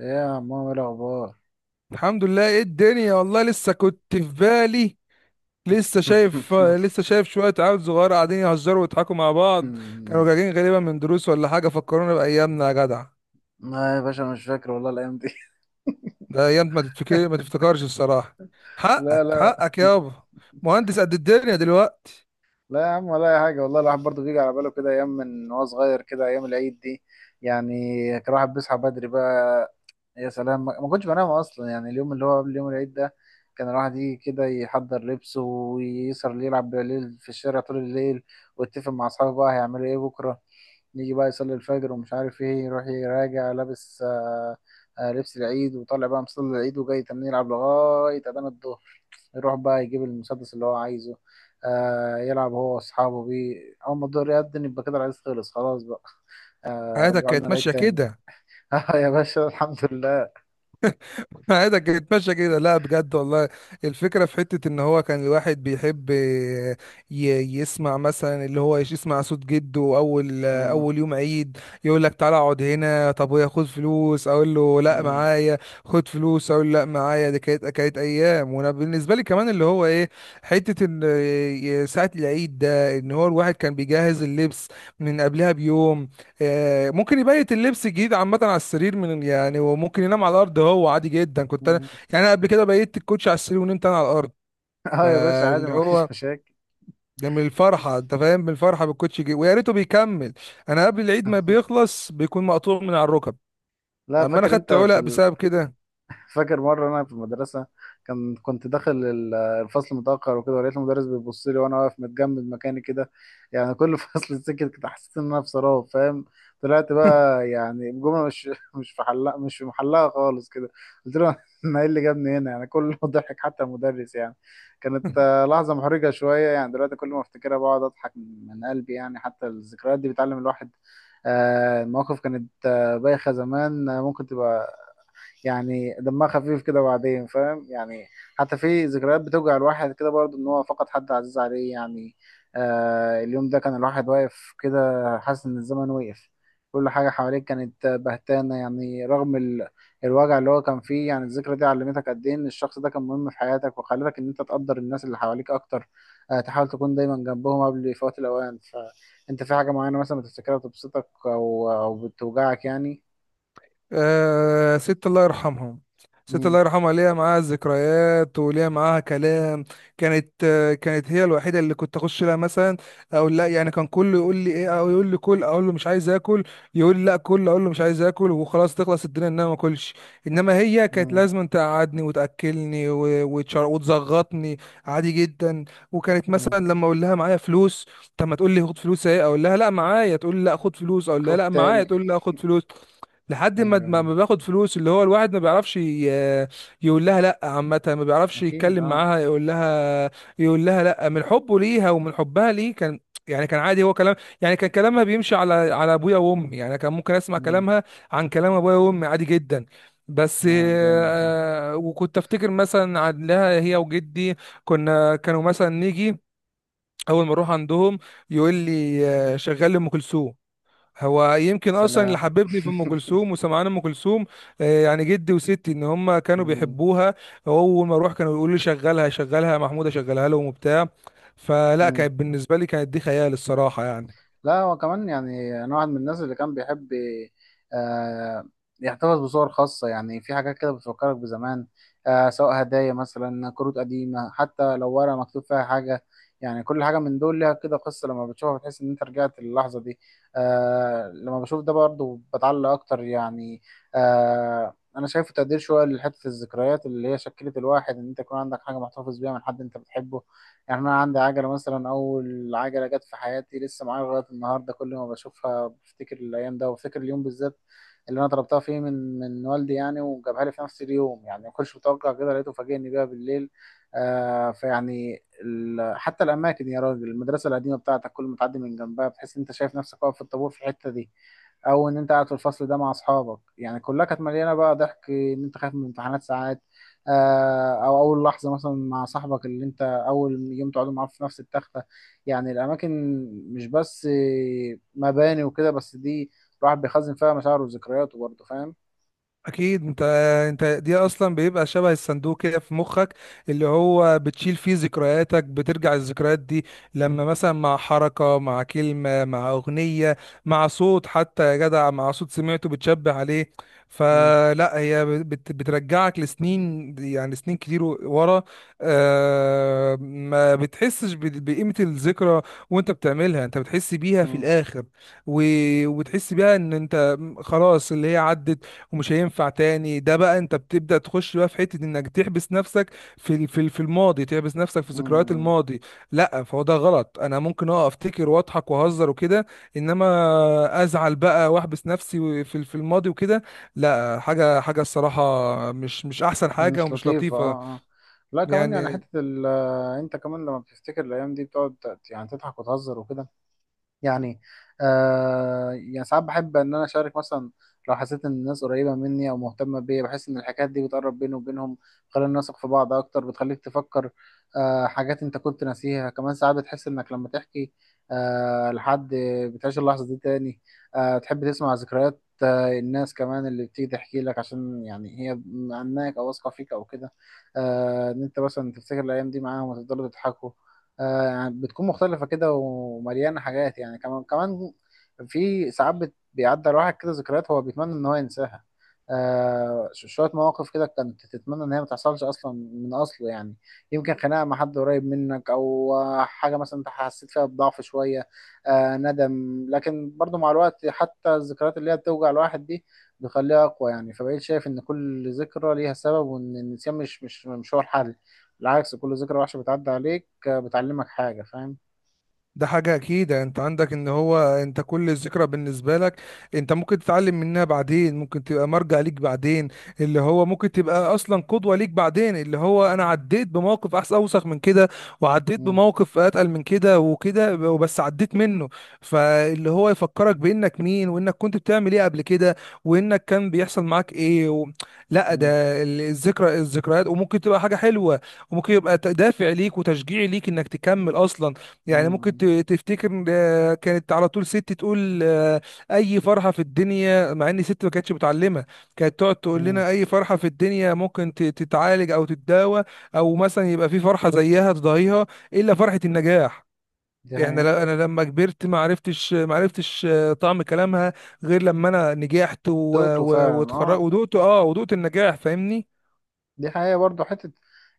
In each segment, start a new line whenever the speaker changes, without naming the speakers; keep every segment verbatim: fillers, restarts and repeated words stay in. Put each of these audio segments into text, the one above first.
ايه يا عمو، ايه الاخبار؟
الحمد لله، ايه الدنيا، والله لسه كنت في بالي. لسه شايف لسه شايف شوية عيال صغار قاعدين يهزروا ويضحكوا مع بعض. كانوا راجعين غالبا من دروس ولا حاجة، فكرونا بأيامنا يا جدع.
لا يا باشا، مش فاكر والله الايام دي.
ده أيام ما تتفكر، ما تفتكرش الصراحة.
لا
حقك
لا
حقك يابا، مهندس قد الدنيا دلوقتي.
لا يا عم ولا اي حاجه، والله الواحد برضه بيجي على باله كده ايام من وهو صغير، كده ايام العيد دي يعني. كان الواحد بيصحى بدري بقى. يا سلام، ما ما كنتش بنام اصلا، يعني اليوم اللي هو قبل يوم العيد ده. كان الواحد يجي كده يحضر لبسه ويسهر يلعب بالليل في الشارع طول الليل، ويتفق مع اصحابه بقى هيعملوا ايه بكره. يجي بقى يصلي الفجر ومش عارف ايه، يروح يراجع لابس آه، آه، لبس العيد وطالع بقى مصلي العيد وجاي تمام يلعب لغاية أذان الظهر. يروح بقى يجيب المسدس اللي هو عايزه، آه يلعب هو وأصحابه بيه. أول ما الظهر يأذن يبقى كده العيد خلص خلاص بقى. آه
حياتك
رجعوا لنا
كانت
العيد
ماشية
تاني.
كده.
آه يا باشا الحمد لله.
عادك يتمشى كده، لا بجد والله. الفكرة في حتة ان هو كان الواحد بيحب ي- يسمع مثلا، اللي هو يسمع صوت جده اول
مم.
اول يوم عيد. يقول لك تعالى اقعد هنا، طب ويا خد فلوس، اقول له لا
مم.
معايا. خد فلوس اقول له لا معايا. دي كانت كانت ايام. وانا بالنسبة لي كمان اللي هو ايه، حتة ان ساعة العيد ده ان هو الواحد كان بيجهز اللبس من قبلها بيوم. آه، ممكن يبيت اللبس الجديد عامة على السرير من يعني، وممكن ينام على الأرض هو، عادي جدا. كنت أنا
مم.
يعني أنا قبل كده بيت الكوتش على السرير ونمت أنا على الأرض.
اه يا باشا، عادي،
فاللي
ما
هو
فيش مشاكل.
ده من الفرحة، أنت فاهم، من الفرحة بالكوتش، جي ويا ريته بيكمل. أنا قبل العيد ما بيخلص بيكون مقطوع من على الركب.
لا،
أما أنا
فاكر انت
خدت
في
علق
ال...
بسبب كده.
فاكر مرة أنا في المدرسة، كان كنت داخل ال- الفصل متأخر وكده، ولقيت المدرس بيبص لي وأنا واقف متجمد مكاني كده. يعني كل فصل سكت كده، حسيت إن أنا في سراب، فاهم. طلعت بقى يعني الجملة مش مش في حلها، مش في محلها خالص كده. قلت له أنا إيه اللي جابني هنا؟ يعني كله ضحك حتى المدرس. يعني كانت آه، لحظة محرجة شوية، يعني دلوقتي كل ما أفتكرها بقعد أضحك من قلبي. يعني حتى الذكريات دي بتعلم الواحد. آه، المواقف كانت آه، بايخة زمان، آه، ممكن تبقى يعني دمها خفيف كده بعدين، فاهم يعني. حتى في ذكريات بتوجع الواحد كده برضه، ان هو فقد حد عزيز عليه يعني. آه اليوم ده كان الواحد واقف كده حاسس ان الزمن وقف، كل حاجة حواليك كانت بهتانة، يعني رغم ال... الوجع اللي هو كان فيه. يعني الذكرى دي علمتك قد ايه ان الشخص ده كان مهم في حياتك، وخلتك ان انت تقدر الناس اللي حواليك اكتر. آه، تحاول تكون دايما جنبهم قبل فوات الاوان. فانت في حاجة معينة مثلا بتفتكرها بتبسطك او او بتوجعك يعني.
آه ست الله يرحمها، ست
مم.
الله يرحمها ليها معاها ذكريات وليها معاها كلام. كانت آه كانت هي الوحيده اللي كنت اخش لها مثلا اقول لا. يعني كان كله يقول لي ايه، او يقول لي كل، اقول له مش عايز اكل. يقول لي لا كل، اقول له مش عايز اكل وخلاص، تخلص الدنيا ان انا ما اكلش. انما هي كانت
مم.
لازم تقعدني وتاكلني و- وتشر- وتزغطني. عادي جدا. وكانت
مم.
مثلا لما اقول لها معايا فلوس، طب ما تقول لي خد فلوس اهي، اقول لها لا معايا، تقول لي لا خد فلوس، اقول لها
خد
لا معايا،
تاني.
تقول لي لا خد فلوس. لحد ما
ايوه
ما
ايوه.
ما باخد فلوس. اللي هو الواحد ما بيعرفش ي- يقول لها لا عامة، ما بيعرفش
اكيد
يتكلم
اه.
معاها، يقول لها، يقول لها لا من حبه ليها ومن حبها ليه كان. يعني كان عادي هو كلام. يعني كان كلامها بيمشي على على ابويا وامي، يعني كان ممكن اسمع
مم.
كلامها عن كلام ابويا وامي عادي جدا. بس
اه جامد ده.
آه، وكنت افتكر مثلا عن لها هي وجدي. كنا كانوا مثلا نيجي، اول ما اروح عندهم يقول لي آه، شغال ام كلثوم. هو
يا
يمكن اصلا اللي
سلام.
حببني في ام كلثوم وسمعان ام كلثوم. آه، يعني جدي وستي ان هم كانوا
مم.
بيحبوها. اول ما اروح كانوا يقولوا لي شغلها شغلها يا محمود، اشغلها لهم وبتاع. فلا
مم.
كانت بالنسبه لي، كانت دي خيال الصراحه يعني.
لا، هو كمان يعني انا واحد من الناس اللي كان بيحب آه يحتفظ بصور خاصة، يعني في حاجات كده بتفكرك بزمان. آه، سواء هدايا، مثلا كروت قديمة، حتى لو ورقة مكتوب فيها حاجة. يعني كل حاجة من دول ليها كده قصة، لما بتشوفها بتحس ان انت رجعت للحظة دي. آه، لما بشوف ده برضه بتعلق اكتر يعني. آه انا شايفه تقدير شوية لحتة الذكريات اللي هي شكلت الواحد، ان انت يكون عندك حاجة محتفظ بيها من حد انت بتحبه. يعني انا عندي عجله مثلا، اول عجله جت في حياتي لسه معايا لغايه النهارده، كل ما بشوفها بفتكر الايام ده، وبفتكر اليوم بالذات اللي انا طلبتها فيه من من والدي يعني، وجابها لي في نفس اليوم، يعني ما كنتش متوقع كده، لقيته فاجئني بيها بالليل. آه فيعني ال... حتى الاماكن يا راجل، المدرسه القديمه بتاعتك كل ما تعدي من جنبها بتحس ان انت شايف نفسك واقف في الطابور في الحته دي، او ان انت قاعد في الفصل ده مع اصحابك. يعني كلها كانت مليانه بقى ضحك، ان انت خايف من الامتحانات ساعات. آه او اول لحظه مثلا مع صاحبك اللي انت اول يوم تقعدوا معاه في نفس التخته. يعني الاماكن مش بس مباني وكده بس، دي الواحد بيخزن فيها مشاعره وذكرياته برضه، فاهم.
اكيد انت انت دي اصلا بيبقى شبه الصندوق كده في مخك اللي هو بتشيل فيه ذكرياتك. بترجع الذكريات دي لما مثلا مع حركة، مع كلمة، مع اغنية، مع صوت حتى يا جدع، مع صوت سمعته بتشبه عليه.
مم.
فلا هي بت بترجعك لسنين، يعني سنين كتير ورا. آه ما بتحسش ب- بقيمة الذكرى، وانت بتعملها انت بتحس بيها في
مم.
الاخر. و- وبتحس بيها ان انت خلاص اللي هي عدت ومش هينفع تاني. ده بقى انت بتبدأ تخش بقى في حتة انك تحبس نفسك في ال- في ال- في الماضي، تحبس نفسك في ذكريات
مم.
الماضي. لا فهو ده غلط. انا ممكن اه افتكر واضحك واهزر وكده، انما ازعل بقى واحبس نفسي في ال- في الماضي وكده، لا. حاجة حاجة الصراحة مش مش احسن حاجة
مش
ومش
لطيفه اه.
لطيفة.
اه. لا كمان يعني
يعني
حته ال- آه، انت كمان لما بتفتكر الايام دي بتقعد ت- يعني تضحك وتهزر وكده. يعني آه يعني ساعات بحب ان انا اشارك مثلا، لو حسيت ان الناس قريبه مني او مهتمه بيا، بحس ان الحكايات دي بتقرب بيني وبينهم، بتخلينا نثق في بعض اكتر، بتخليك تفكر آه حاجات انت كنت ناسيها. كمان ساعات بتحس انك لما تحكي آه لحد بتعيش اللحظه دي تاني. آه، تحب تسمع ذكريات آه الناس كمان اللي بتيجي تحكي لك، عشان يعني هي عنك او واثقه فيك او كده. آه ان انت مثلا تفتكر الايام دي معاهم وتفضلوا تضحكوا. آه، يعني بتكون مختلفة كده ومليانة حاجات يعني، كمان كمان في ساعات بت- بيعدي على واحد كده ذكريات هو بيتمنى إن هو ينساها. آه، ش- شوية مواقف كده كانت تتمنى إن هي ما تحصلش أصلا من أصله يعني. يمكن خناقة مع حد قريب منك، أو آه، حاجة مثلا أنت حسيت فيها بضعف شوية، آه ندم. لكن برضو مع الوقت حتى الذكريات اللي هي بتوجع الواحد دي بيخليها أقوى يعني، فبقيت شايف إن كل ذكرى ليها سبب، وإن النسيان مش مش مش هو الحل. بالعكس، كل ذكرى وحشة بتعدي عليك بتعلمك حاجة، فاهم.
ده حاجة أكيد أنت عندك، إن هو أنت كل ذكرى بالنسبة لك أنت ممكن تتعلم منها بعدين، ممكن تبقى مرجع ليك بعدين، اللي هو ممكن تبقى أصلا قدوة ليك بعدين. اللي هو أنا عديت بموقف أحسن، أوسخ من كده، وعديت
مم.
بموقف أتقل من كده وكده، وبس عديت منه. فاللي هو يفكرك بإنك مين، وإنك كنت بتعمل إيه قبل كده، وإنك كان بيحصل معاك إيه و... لا، ده
مم.
ال- الذكرى الذكريات وممكن تبقى حاجة حلوة، وممكن يبقى دافع ليك وتشجيع ليك إنك تكمل أصلا. يعني ممكن
مم.
ت- تفتكر. آه، كانت على طول ست تقول آه، اي فرحه في الدنيا، مع ان ست ما كانتش متعلمه، كانت تقعد تقول
مم.
لنا اي فرحه في الدنيا ممكن ت- تتعالج او تتداوى، او مثلا يبقى في فرحه زيها تضاهيها، الا فرحه النجاح.
دي
احنا ل-
حقيقة.
انا لما كبرت ما عرفتش، ما عرفتش آه، طعم كلامها غير لما انا نجحت و-
دقته
و-
فعلا
واتخرجت
اه.
ودقت اه ودقت النجاح، فاهمني.
دي حقيقة برضو حتة.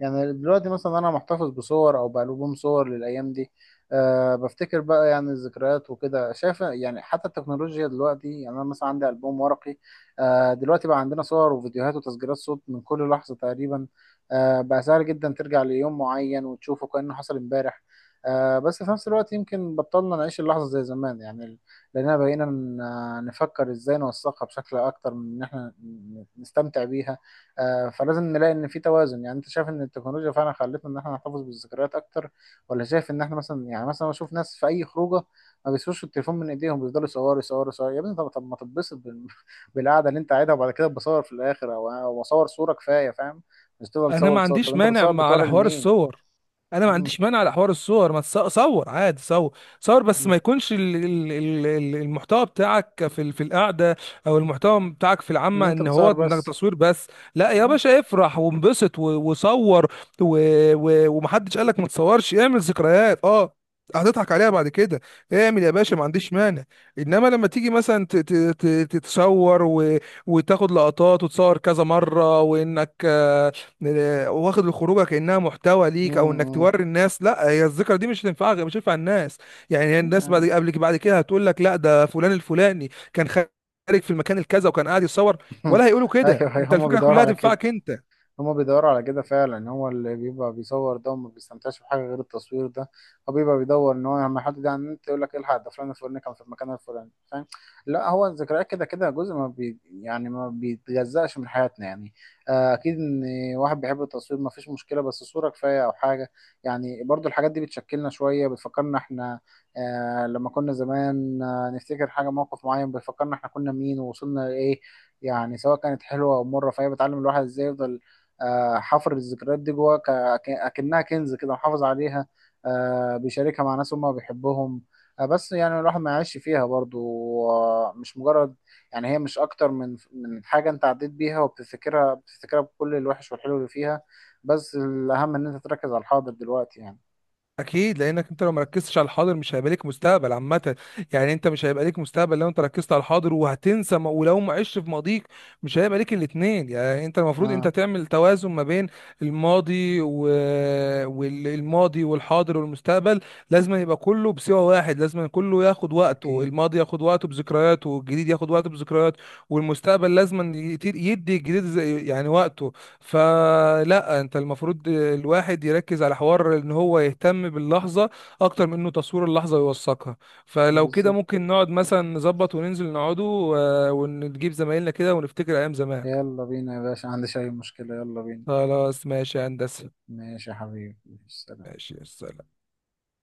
يعني دلوقتي مثلا أنا محتفظ بصور أو بألبوم صور للأيام دي. أه، بفتكر بقى يعني الذكريات وكده، شايف يعني حتى التكنولوجيا دلوقتي، يعني أنا مثلا عندي ألبوم ورقي. أه دلوقتي بقى عندنا صور وفيديوهات وتسجيلات صوت من كل لحظة تقريبا. أه بقى سهل جدا ترجع ليوم معين وتشوفه كأنه حصل امبارح. أه بس في نفس الوقت يمكن بطلنا نعيش اللحظة زي زمان يعني، لأننا بقينا ن- نفكر إزاي نوثقها بشكل أكتر من إن إحنا ن- نستمتع بيها. آه، فلازم نلاقي ان في توازن. يعني انت شايف ان التكنولوجيا فعلا خلتنا ان احنا نحتفظ بالذكريات اكتر، ولا شايف ان احنا مثلا؟ يعني مثلا بشوف ناس في اي خروجه ما بيسيبوش التليفون من ايديهم، بيفضلوا يصوروا يصوروا يصوروا. يا ابني طب طب ما تتبسط بال- بالقعده اللي انت قاعدها، وبعد كده بصور في الاخر، او أو اصور صوره كفايه، فاهم؟ مش تفضل
انا
تصور
ما
تصور. طب
عنديش
انت
مانع
بتصور
مع- على
بتوري
حوار
لمين؟
الصور. انا ما
مم،
عنديش مانع على حوار الصور. ما تص- صور عادي، صور صور بس
مم.
ما يكونش ال- ال- ال- ال- المحتوى بتاعك في ال- في القعده، او المحتوى بتاعك في
ان
العامه
انت
ان هو
بتصور
انك
بس.
تصوير بس. لا يا
اه.
باشا افرح وانبسط و- وصور. و- و- ومحدش قالك ما تصورش، اعمل ذكريات، اه هتضحك عليها بعد كده. اعمل يا باشا، ما عنديش مانع. انما لما تيجي مثلا ت- ت- ت- تتصور و- وتاخد لقطات وتصور كذا مره، وانك آه، واخد الخروجه كانها محتوى ليك، او انك
مم،
توري الناس، لا هي الذكرى دي مش هتنفعك، مش هتنفع الناس. يعني هي الناس بعد
مم.
قبل بعد كده هتقول لك لا ده فلان الفلاني كان خارج في المكان الكذا وكان قاعد يتصور. ولا هيقولوا كده،
ايوه ايوه،
انت
هما
الفكره
بيدوروا
كلها
على كده.
تنفعك انت.
هما بيدوروا على كده فعلا، هو اللي بيبقى بيصور ده وما بيستمتعش بحاجة غير التصوير ده. هو بيبقى بيدور ان هو لما يحط ده على النت يقول لك الحق، ده فلان الفلاني كان في المكان الفلاني، فاهم. لا، هو الذكريات كده كده جزء ما بي يعني ما بيتجزأش من حياتنا يعني. آه، اكيد ان واحد بيحب التصوير ما فيش مشكلة، بس صورة كفاية او حاجة. يعني برضو الحاجات دي بتشكلنا شوية، بتفكرنا احنا آه، لما كنا زمان. آه، نفتكر حاجة، موقف معين بيفكرنا احنا كنا مين ووصلنا لإيه، يعني سواء كانت حلوة أو مرة، فهي بتعلم الواحد ازاي يفضل آه، حفر الذكريات دي جواه ك- ك- اكنها كنز كده محافظ عليها. آه، بيشاركها مع ناس هم بيحبهم. آه، بس يعني الواحد ما يعيش فيها برضو. آه، مش مجرد يعني هي مش اكتر من من حاجه انت عديت بيها وبتفتكرها، بتفتكرها بكل الوحش والحلو اللي فيها، بس الاهم ان انت تركز على الحاضر دلوقتي يعني.
اكيد، لانك انت لو مركزتش على الحاضر مش هيبقى ليك مستقبل عامه. يعني انت مش هيبقى ليك مستقبل لو انت ركزت على الحاضر وهتنسى م- ولو ما عشت في ماضيك مش هيبقى ليك الاتنين. يعني انت المفروض انت
اه.
تعمل توازن ما بين الماضي و... والماضي والحاضر والمستقبل، لازم يبقى كله بسوى واحد. لازم كله ياخد وقته،
اوكي.
الماضي ياخد وقته بذكرياته، والجديد ياخد وقته بذكرياته، والمستقبل لازم يدي الجديد زي- يعني وقته. فلا انت المفروض الواحد يركز على حوار ان هو يهتم باللحظه اكتر من انه تصوير اللحظه ويوثقها. فلو كده
بالظبط.
ممكن نقعد مثلا نظبط وننزل نقعدوا، آه، ونجيب زمايلنا كده ونفتكر ايام زمان.
يلا بينا يا باشا، عندي أي مشكله، يلا بينا.
خلاص ماشي يا هندسه،
ماشي يا حبيبي، ماشي، سلام.
ماشي يا سلام.